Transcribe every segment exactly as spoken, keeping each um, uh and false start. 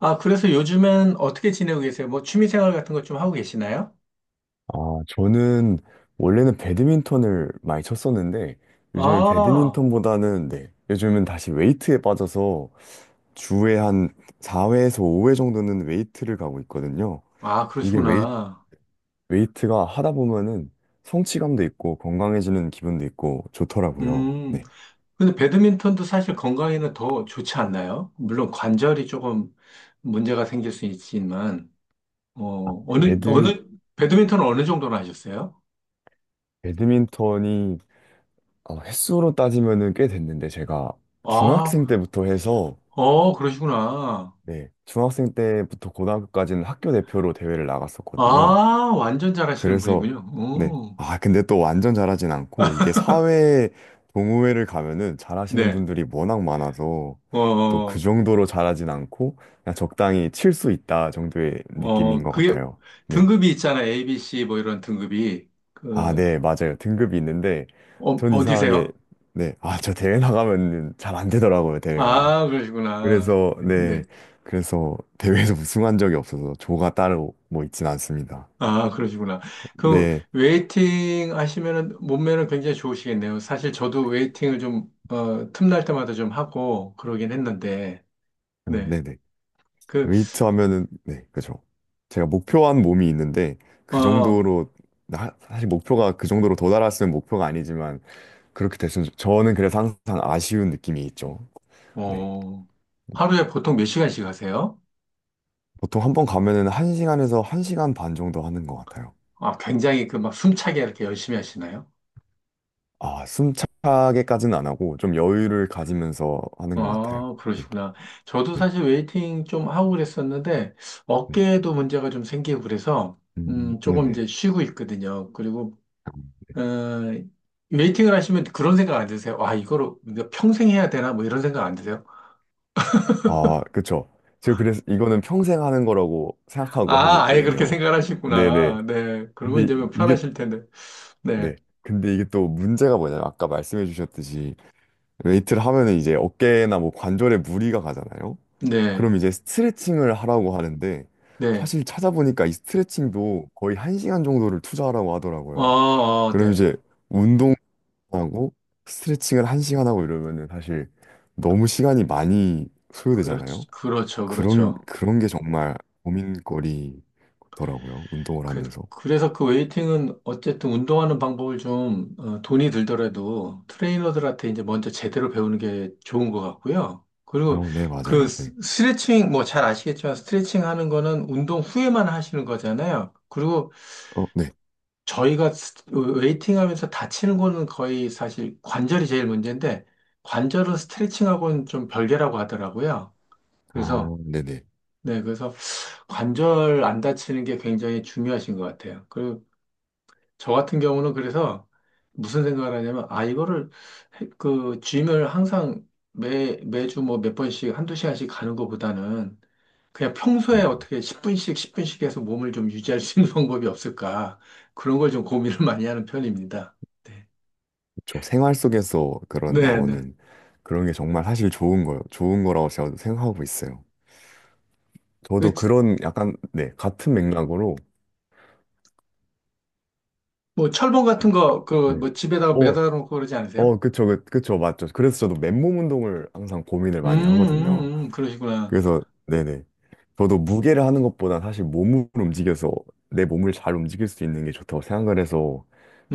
아, 그래서 요즘엔 어떻게 지내고 계세요? 뭐 취미 생활 같은 것 좀 하고 계시나요? 아, 저는 원래는 배드민턴을 많이 쳤었는데 요즘엔 아, 배드민턴보다는 네, 요즘은 다시 웨이트에 빠져서 주에 한 사 회에서 오 회 정도는 웨이트를 가고 있거든요. 아, 이게 웨이, 그러시구나. 웨이트가 하다 보면은 성취감도 있고 건강해지는 기분도 있고 좋더라고요. 음, 네. 근데 배드민턴도 사실 건강에는 더 좋지 않나요? 물론 관절이 조금 문제가 생길 수 있지만, 어, 어느, 배드민, 어느, 배드민턴은 어느 정도나 하셨어요? 배드민턴이 어, 횟수로 따지면은 꽤 됐는데 제가 중학생 아, 때부터 해서 어, 그러시구나. 네, 중학생 때부터 고등학교까지는 학교 대표로 대회를 나갔었거든요. 아, 완전 잘하시는 그래서, 분이군요. 네. 오, 아, 근데 또 완전 잘하진 않고, 이게 사회 동호회를 가면은 잘하시는 네. 분들이 워낙 많아서, 어, 또 그 어, 정도로 잘하진 않고, 그냥 적당히 칠 수 있다 정도의 느낌인 어, 것 그게 같아요. 네. 등급이 있잖아. 에이비씨 뭐 이런 등급이. 아, 그, 네, 맞아요. 등급이 있는데, 어, 전 이상하게, 어디세요? 네. 아, 저 대회 나가면 잘 안 되더라고요, 대회가. 아, 그러시구나. 그래서 네. 네 네. 그래서 대회에서 우승한 적이 없어서 조가 따로 뭐 있진 않습니다. 아, 그러시구나. 그, 네, 웨이팅 하시면은 몸매는 굉장히 좋으시겠네요. 사실 저도 웨이팅을 좀, 어, 틈날 때마다 좀 하고 그러긴 했는데, 음, 네. 네네. 그, 웨이트 하면은 네 그죠. 제가 목표한 몸이 있는데 그 어, 정도로 나- 사실 목표가 그 정도로 도달했으면 목표가 아니지만 그렇게 됐으면 좋- 저는 그래서 항상 아쉬운 느낌이 있죠. 네. 어, 하루에 보통 몇 시간씩 하세요? 보통 한 번 가면은 한 시간에서 한 시간 반 정도 하는 것 같아요. 아, 굉장히 그 막 숨차게 이렇게 열심히 하시나요? 아, 숨차게까지는 안 하고 좀 여유를 가지면서 하는 것 같아요. 아, 네, 그러시구나. 저도 네, 사실 웨이팅 좀 하고 그랬었는데, 네, 어깨에도 문제가 좀 생기고 그래서, 음, 음, 조금 네네. 이제 쉬고 있거든요. 그리고 어, 웨이팅을 하시면 그런 생각 안 드세요? 와, 이거를 내가 평생 해야 되나? 뭐 이런 생각 안 드세요? 아, 그쵸. 제가 그래서 이거는 평생 하는 거라고 생각하고 하고 아, 아예 그렇게 있거든요. 생각을 네네. 하시구나. 네. 그러면 근데 이제 뭐 이게, 편하실 텐데. 네. 네. 근데 이게 또 문제가 뭐냐면 아까 말씀해 주셨듯이 웨이트를 하면은 이제 어깨나 뭐 관절에 무리가 가잖아요. 네. 그럼 이제 스트레칭을 하라고 하는데 네. 사실 찾아보니까 이 스트레칭도 거의 한시간 정도를 투자하라고 어, 하더라고요. 어, 그럼 네. 이제 운동하고 스트레칭을 한시간 하고 이러면은 사실 너무 시간이 많이 그렇, 소요되잖아요. 그렇죠. 그런 그렇죠. 그런 게 정말 고민거리더라고요. 운동을 그, 하면서. 그래서 그 웨이팅은 어쨌든 운동하는 방법을 좀 어, 돈이 들더라도 트레이너들한테 이제 먼저 제대로 배우는 게 좋은 것 같고요. 그리고 어, 네, 그 맞아요. 네. 스- 스트레칭 뭐 잘 아시겠지만 스트레칭 하는 거는 운동 후에만 하시는 거잖아요. 그리고 어, 네. 저희가 스- 웨이팅 하면서 다치는 거는 거의 사실 관절이 제일 문제인데 관절은 스트레칭하고는 좀 별개라고 하더라고요. 아, 그래서 네네. 네, 그래서 관절 안 다치는 게 굉장히 중요하신 것 같아요. 그리고 저 같은 경우는 그래서 무슨 생각을 하냐면, 아, 이거를, 해- 그, 짐을 항상 매, 매주 뭐 몇 번씩, 한두 시간씩 가는 것보다는 그냥 평소에 음, 어떻게 십 분씩, 십 분씩 해서 몸을 좀 유지할 수 있는 방법이 없을까. 그런 걸 좀 고민을 많이 하는 편입니다. 네. 그렇죠. 생활 속에서 그런 네, 네. 나오는 그런 게 정말 사실 좋은 거요. 좋은 거라고 제가 생각하고 있어요. 그, 저도 지- 그런 약간 네, 같은 맥락으로. 뭐, 철봉 네. 같은 거, 그, 네. 뭐, 집에다가 어, 매달아 놓고 그러지 않으세요? 어, 그쵸, 그, 그쵸, 맞죠. 그래서 저도 맨몸 운동을 항상 고민을 음, 많이 하거든요. 음, 음, 그러시구나. 그래서 네네. 저도 무게를 하는 것보다 사실 몸을 움직여서 내 몸을 잘 움직일 수 있는 게 좋다고 생각을 해서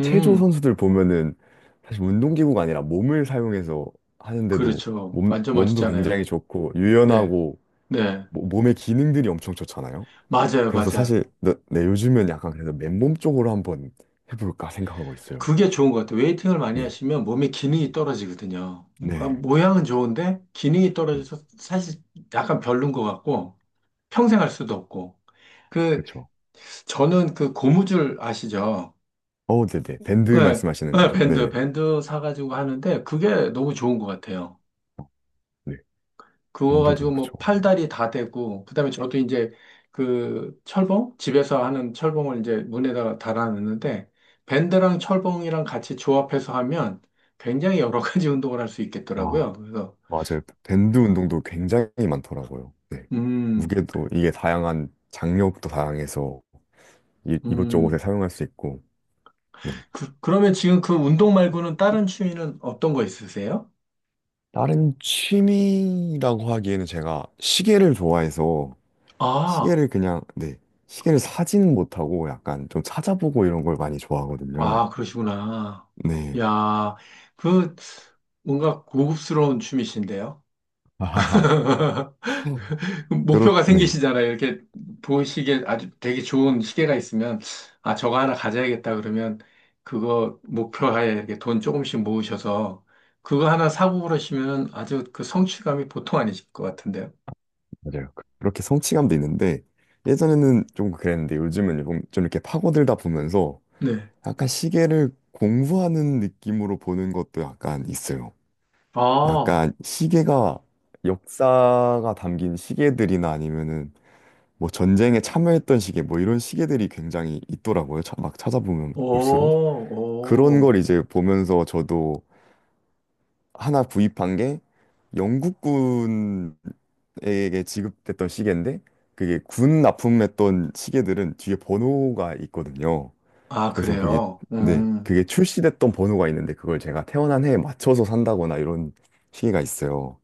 체조 선수들 보면은 사실 운동기구가 아니라 몸을 사용해서 하는데도 그렇죠. 몸, 완전 몸도 멋지잖아요. 굉장히 좋고 네, 유연하고 네. 모- 몸의 기능들이 엄청 좋잖아요. 맞아요, 그래서 맞아요. 사실 네, 네, 요즘은 약간 그래서 맨몸 쪽으로 한번 해볼까 생각하고 있어요. 그게 좋은 것 같아요. 웨이팅을 많이 네, 하시면 몸의 기능이 떨어지거든요. 아, 네, 모양은 좋은데 기능이 네, 떨어져서 사실 약간 별론 것 같고 평생 할 수도 없고. 그 그쵸. 저는 그 고무줄 아시죠? 어, 네네. 밴드 네, 말씀하시는 네, 거죠. 밴드 네네. 밴드 사가지고 하는데 그게 너무 좋은 것 같아요. 어, 네, 그거 가지고 밴드도 그쵸. 뭐 팔다리 다 되고, 그다음에 저도 이제 그 철봉? 집에서 하는 철봉을 이제 문에다가 달아놨는데, 밴드랑 철봉이랑 같이 조합해서 하면 굉장히 여러 가지 운동을 할 수 있겠더라고요. 그래서, 맞아요. 밴드 운동도 굉장히 많더라고요. 네. 음, 무게도 이게 다양한 장력도 다양해서 이, 이것저것 음. 에 사용할 수 있고. 네. 그, 그러면 지금 그 운동 말고는 다른 취미는 어떤 거 있으세요? 다른 취미라고 하기에는 제가 시계를 좋아해서 아, 시계를 그냥 네. 시계를 사지는 못하고 약간 좀 찾아보고 이런 걸 많이 좋아하거든요. 아, 그러시구나. 네. 야, 그, 뭔가 고급스러운 취미신데요? 아하하. 그렇, 목표가 네, 생기시잖아요. 이렇게 보시기에 아주 되게 좋은 시계가 있으면, 아, 저거 하나 가져야겠다 그러면, 그거 목표하에 이렇게 돈 조금씩 모으셔서, 그거 하나 사고 그러시면 아주 그 성취감이 보통 아니실 것 같은데요. 맞아요. 그- 그렇게 성취감도 있는데, 예전에는 좀 그랬는데, 요즘은 좀, 좀 이렇게 파고들다 보면서 네. 약간 시계를 공부하는 느낌으로 보는 것도 약간 있어요. 아, 약간 시계가 역사가 담긴 시계들이나 아니면은 뭐 전쟁에 참여했던 시계 뭐 이런 시계들이 굉장히 있더라고요. 차- 막 찾아보면 오, 볼수록 그런 걸 오. 이제 보면서 저도 하나 구입한 게 영국군에게 지급됐던 시계인데 그게 군 납품했던 시계들은 뒤에 번호가 있거든요. 아, 그래서 그게 그래요. 네 음. 그게 출시됐던 번호가 있는데 그걸 제가 태어난 해에 맞춰서 산다거나 이런 시기가 있어요.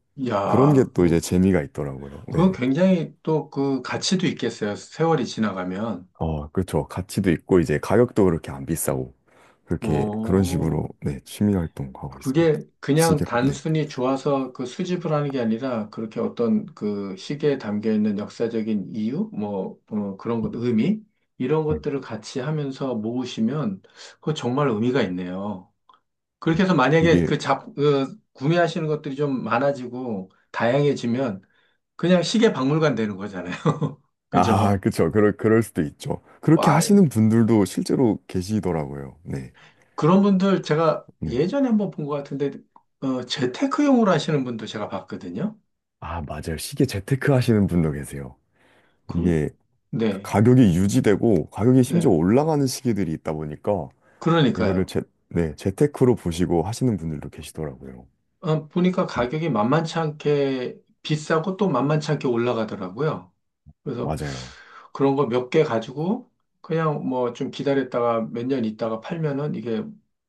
그런 게 야, 또 이제 그, 재미가 있더라고요. 그건 네. 굉장히 또 그 가치도 있겠어요. 세월이 지나가면. 어, 그렇죠. 가치도 있고 이제 가격도 그렇게 안 비싸고 그렇게 그런 식으로 오. 네 취미 활동하고 있습니다. 그게 시 그냥 계로 네. 단순히 좋아서 그 수집을 하는 게 아니라 그렇게 어떤 그 시계에 담겨 있는 역사적인 이유, 뭐 어, 그런 것, 의미 이런 네. 것들을 같이 하면서 모으시면 그거 정말 의미가 있네요. 그렇게 네. 해서 만약에 이게. 그 잡, 그 구매하시는 것들이 좀 많아지고 다양해지면 그냥 시계 박물관 되는 거잖아요. 아, 그죠? 그렇죠. 그럴 그럴 수도 있죠. 그렇게 와, 하시는 분들도 실제로 계시더라고요. 네. 그런 분들 제가 네. 예전에 한번 본 것 같은데 어, 재테크용으로 하시는 분도 제가 봤거든요. 아, 맞아요. 시계 재테크 하시는 분도 계세요. 이게 그, 가- 네. 가격이 유지되고 가격이 심지어 네. 올라가는 시기들이 있다 보니까 이거를 그러니까요. 재, 네, 재테크로 보시고 하시는 분들도 계시더라고요. 아, 보니까 네, 가격이 만만치 않게 비싸고 또 만만치 않게 올라가더라고요. 그래서 맞아요. 그런 거 몇 개 가지고 그냥 뭐 좀 기다렸다가 몇 년 있다가 팔면은 이게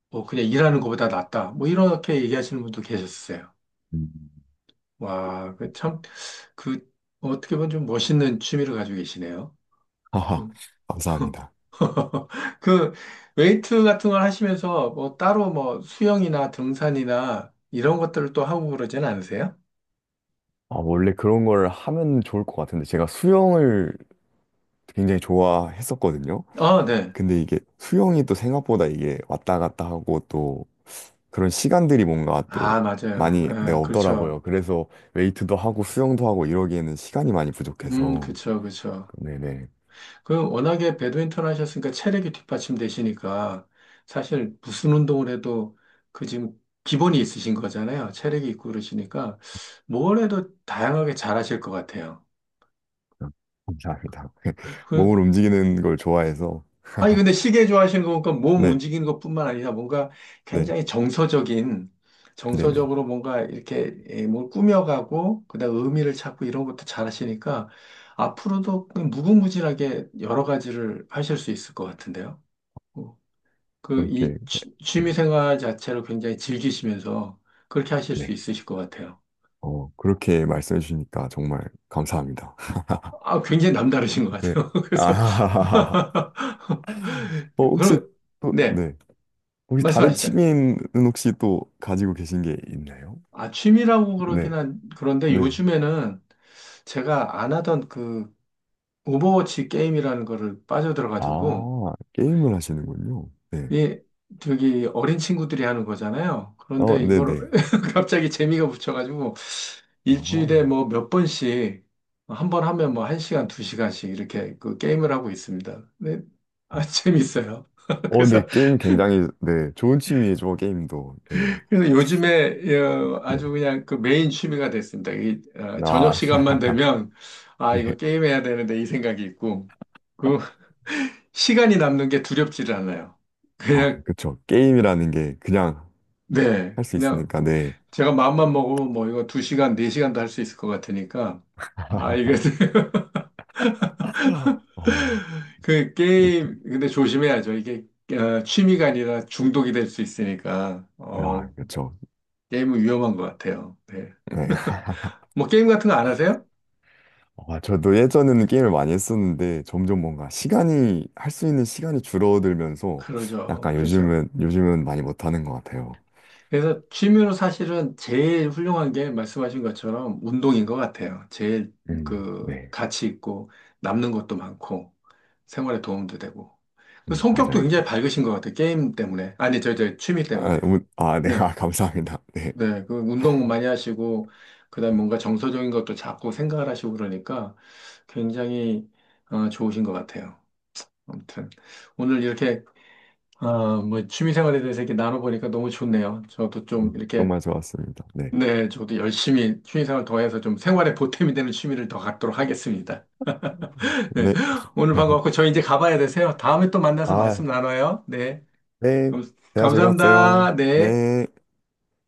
뭐 그냥 일하는 것보다 낫다. 뭐 이렇게 얘기하시는 분도 계셨어요. 음. 와, 그 참, 그 어떻게 보면 좀 멋있는 취미를 가지고 계시네요. 하하, 음. 감사합니다. 그 웨이트 같은 걸 하시면서 뭐 따로 뭐 수영이나 등산이나 이런 것들을 또 하고 그러진 않으세요? 아, 원래 그런 걸 하면 좋을 것 같은데 제가 수영을 굉장히 좋아했었거든요. 아, 네. 근데 이게 수영이 또 생각보다 이게 왔다 갔다 하고 또 그런 시간들이 뭔가 또 아, 맞아요. 많이 네, 예, 없더라고요. 그렇죠. 그래서 웨이트도 하고 수영도 하고 이러기에는 시간이 많이 음, 부족해서 그렇죠, 그렇죠. 네네. 그 워낙에 배드민턴 하셨으니까 체력이 뒷받침되시니까 사실 무슨 운동을 해도 그 지금 기본이 있으신 거잖아요. 체력이 있고 그러시니까 뭘 해도 다양하게 잘하실 것 같아요. 아, 감사합니다. 그 몸을 움직이는 걸 좋아해서, 아니, 근데 시계 좋아하시는 거 보니까 몸 네, 움직이는 것뿐만 아니라 뭔가 네, 굉장히 정서적인, 네네. 정서적으로 뭔가 이렇게 예, 뭘 꾸며가고, 그다음 의미를 찾고 이런 것도 잘 하시니까 앞으로도 그냥 무궁무진하게 여러 가지를 하실 수 있을 것 같은데요. 어, 그 그렇게, 이 취미 네, 생활 자체를 굉장히 즐기시면서 그렇게 하실 수 네. 있으실 것 같아요. 어, 그렇게 말씀해 주시니까 정말 감사합니다. 아, 굉장히 남다르신 것 네. 같아요. 그래서, 아, 어, 혹시 그럼, 또, 네, 네. 혹시 다른 말씀하시죠. 취미는 혹시 또 가지고 계신 게 있나요? 아, 취미라고 네, 그러긴 한, 그런데 네. 요즘에는 제가 안 하던 그 오버워치 게임이라는 거를 빠져들어가지고, 아, 게임을 하시는군요. 네. 이, 저기 어린 친구들이 하는 거잖아요. 어, 그런데 네네. 이걸 갑자기 재미가 붙여가지고, 아, 어, 일주일에 뭐 몇 번씩, 한번 하면 뭐 한 시간, 두 시간씩 이렇게 그 게임을 하고 있습니다. 네, 아, 재밌어요. 어, 네, 그래서 게임 굉장히, 네, 좋은 취미죠, 게임도. 네, 그래서 요즘에 어, 네. 아주 그냥 그 메인 취미가 됐습니다. 이, 어, 저녁 아, 시간만 되면 아 이거 네. 게임해야 되는데 이 생각이 있고 그 시간이 남는 게 두렵지를 않아요. 아, 그냥 그쵸. 게임이라는 게 그냥 네 할 수 그냥 있으니까, 네. 제가 마음만 먹으면 뭐 이거 두 시간 네 시간도 할 수 있을 것 같으니까 아 이거 어, 그 게임 근데 조심해야죠. 이게 어, 취미가 아니라 중독이 될 수 있으니까 어, 아, 그쵸. 게임은 위험한 것 같아요. 네. 네. 뭐 게임 같은 거 안 하세요? 아, 저도 예전에는 게임을 많이 했었는데, 점점 뭔가 시간이, 할 수 있는 시간이 줄어들면서, 그러죠. 약간 그렇죠. 요즘은, 요즘은 많이 못하는 것 같아요. 그래서 취미로 사실은 제일 훌륭한 게 말씀하신 것처럼 운동인 것 같아요. 제일 음, 그 네. 가치 있고 남는 것도 많고 생활에 도움도 되고. 그 음, 성격도 맞아요. 저- 굉장히 밝으신 것 같아요. 게임 때문에. 아니, 저, 저 취미 아, 때문에. 오늘- 아, 네. 네. 아, 감사합니다. 네. 네. 그 운동 많이 하시고 그다음에 뭔가 정서적인 것도 자꾸 생각을 하시고 그러니까 굉장히 어, 좋으신 것 같아요. 아무튼 오늘 이렇게 어, 뭐 취미 생활에 대해서 이렇게 나눠보니까 너무 좋네요. 저도 네. 좀 이렇게 정말 좋았습니다. 네. 네, 저도 열심히 취미생활 더해서 좀 생활에 보탬이 되는 취미를 더 갖도록 하겠습니다. 음. 네, 네. 오늘 반가웠고 저희 이제 가봐야 되세요. 다음에 또 만나서 아, 말씀 나눠요. 네, 네. 감, 대화 즐거웠어요. 감사합니다. 네. 네.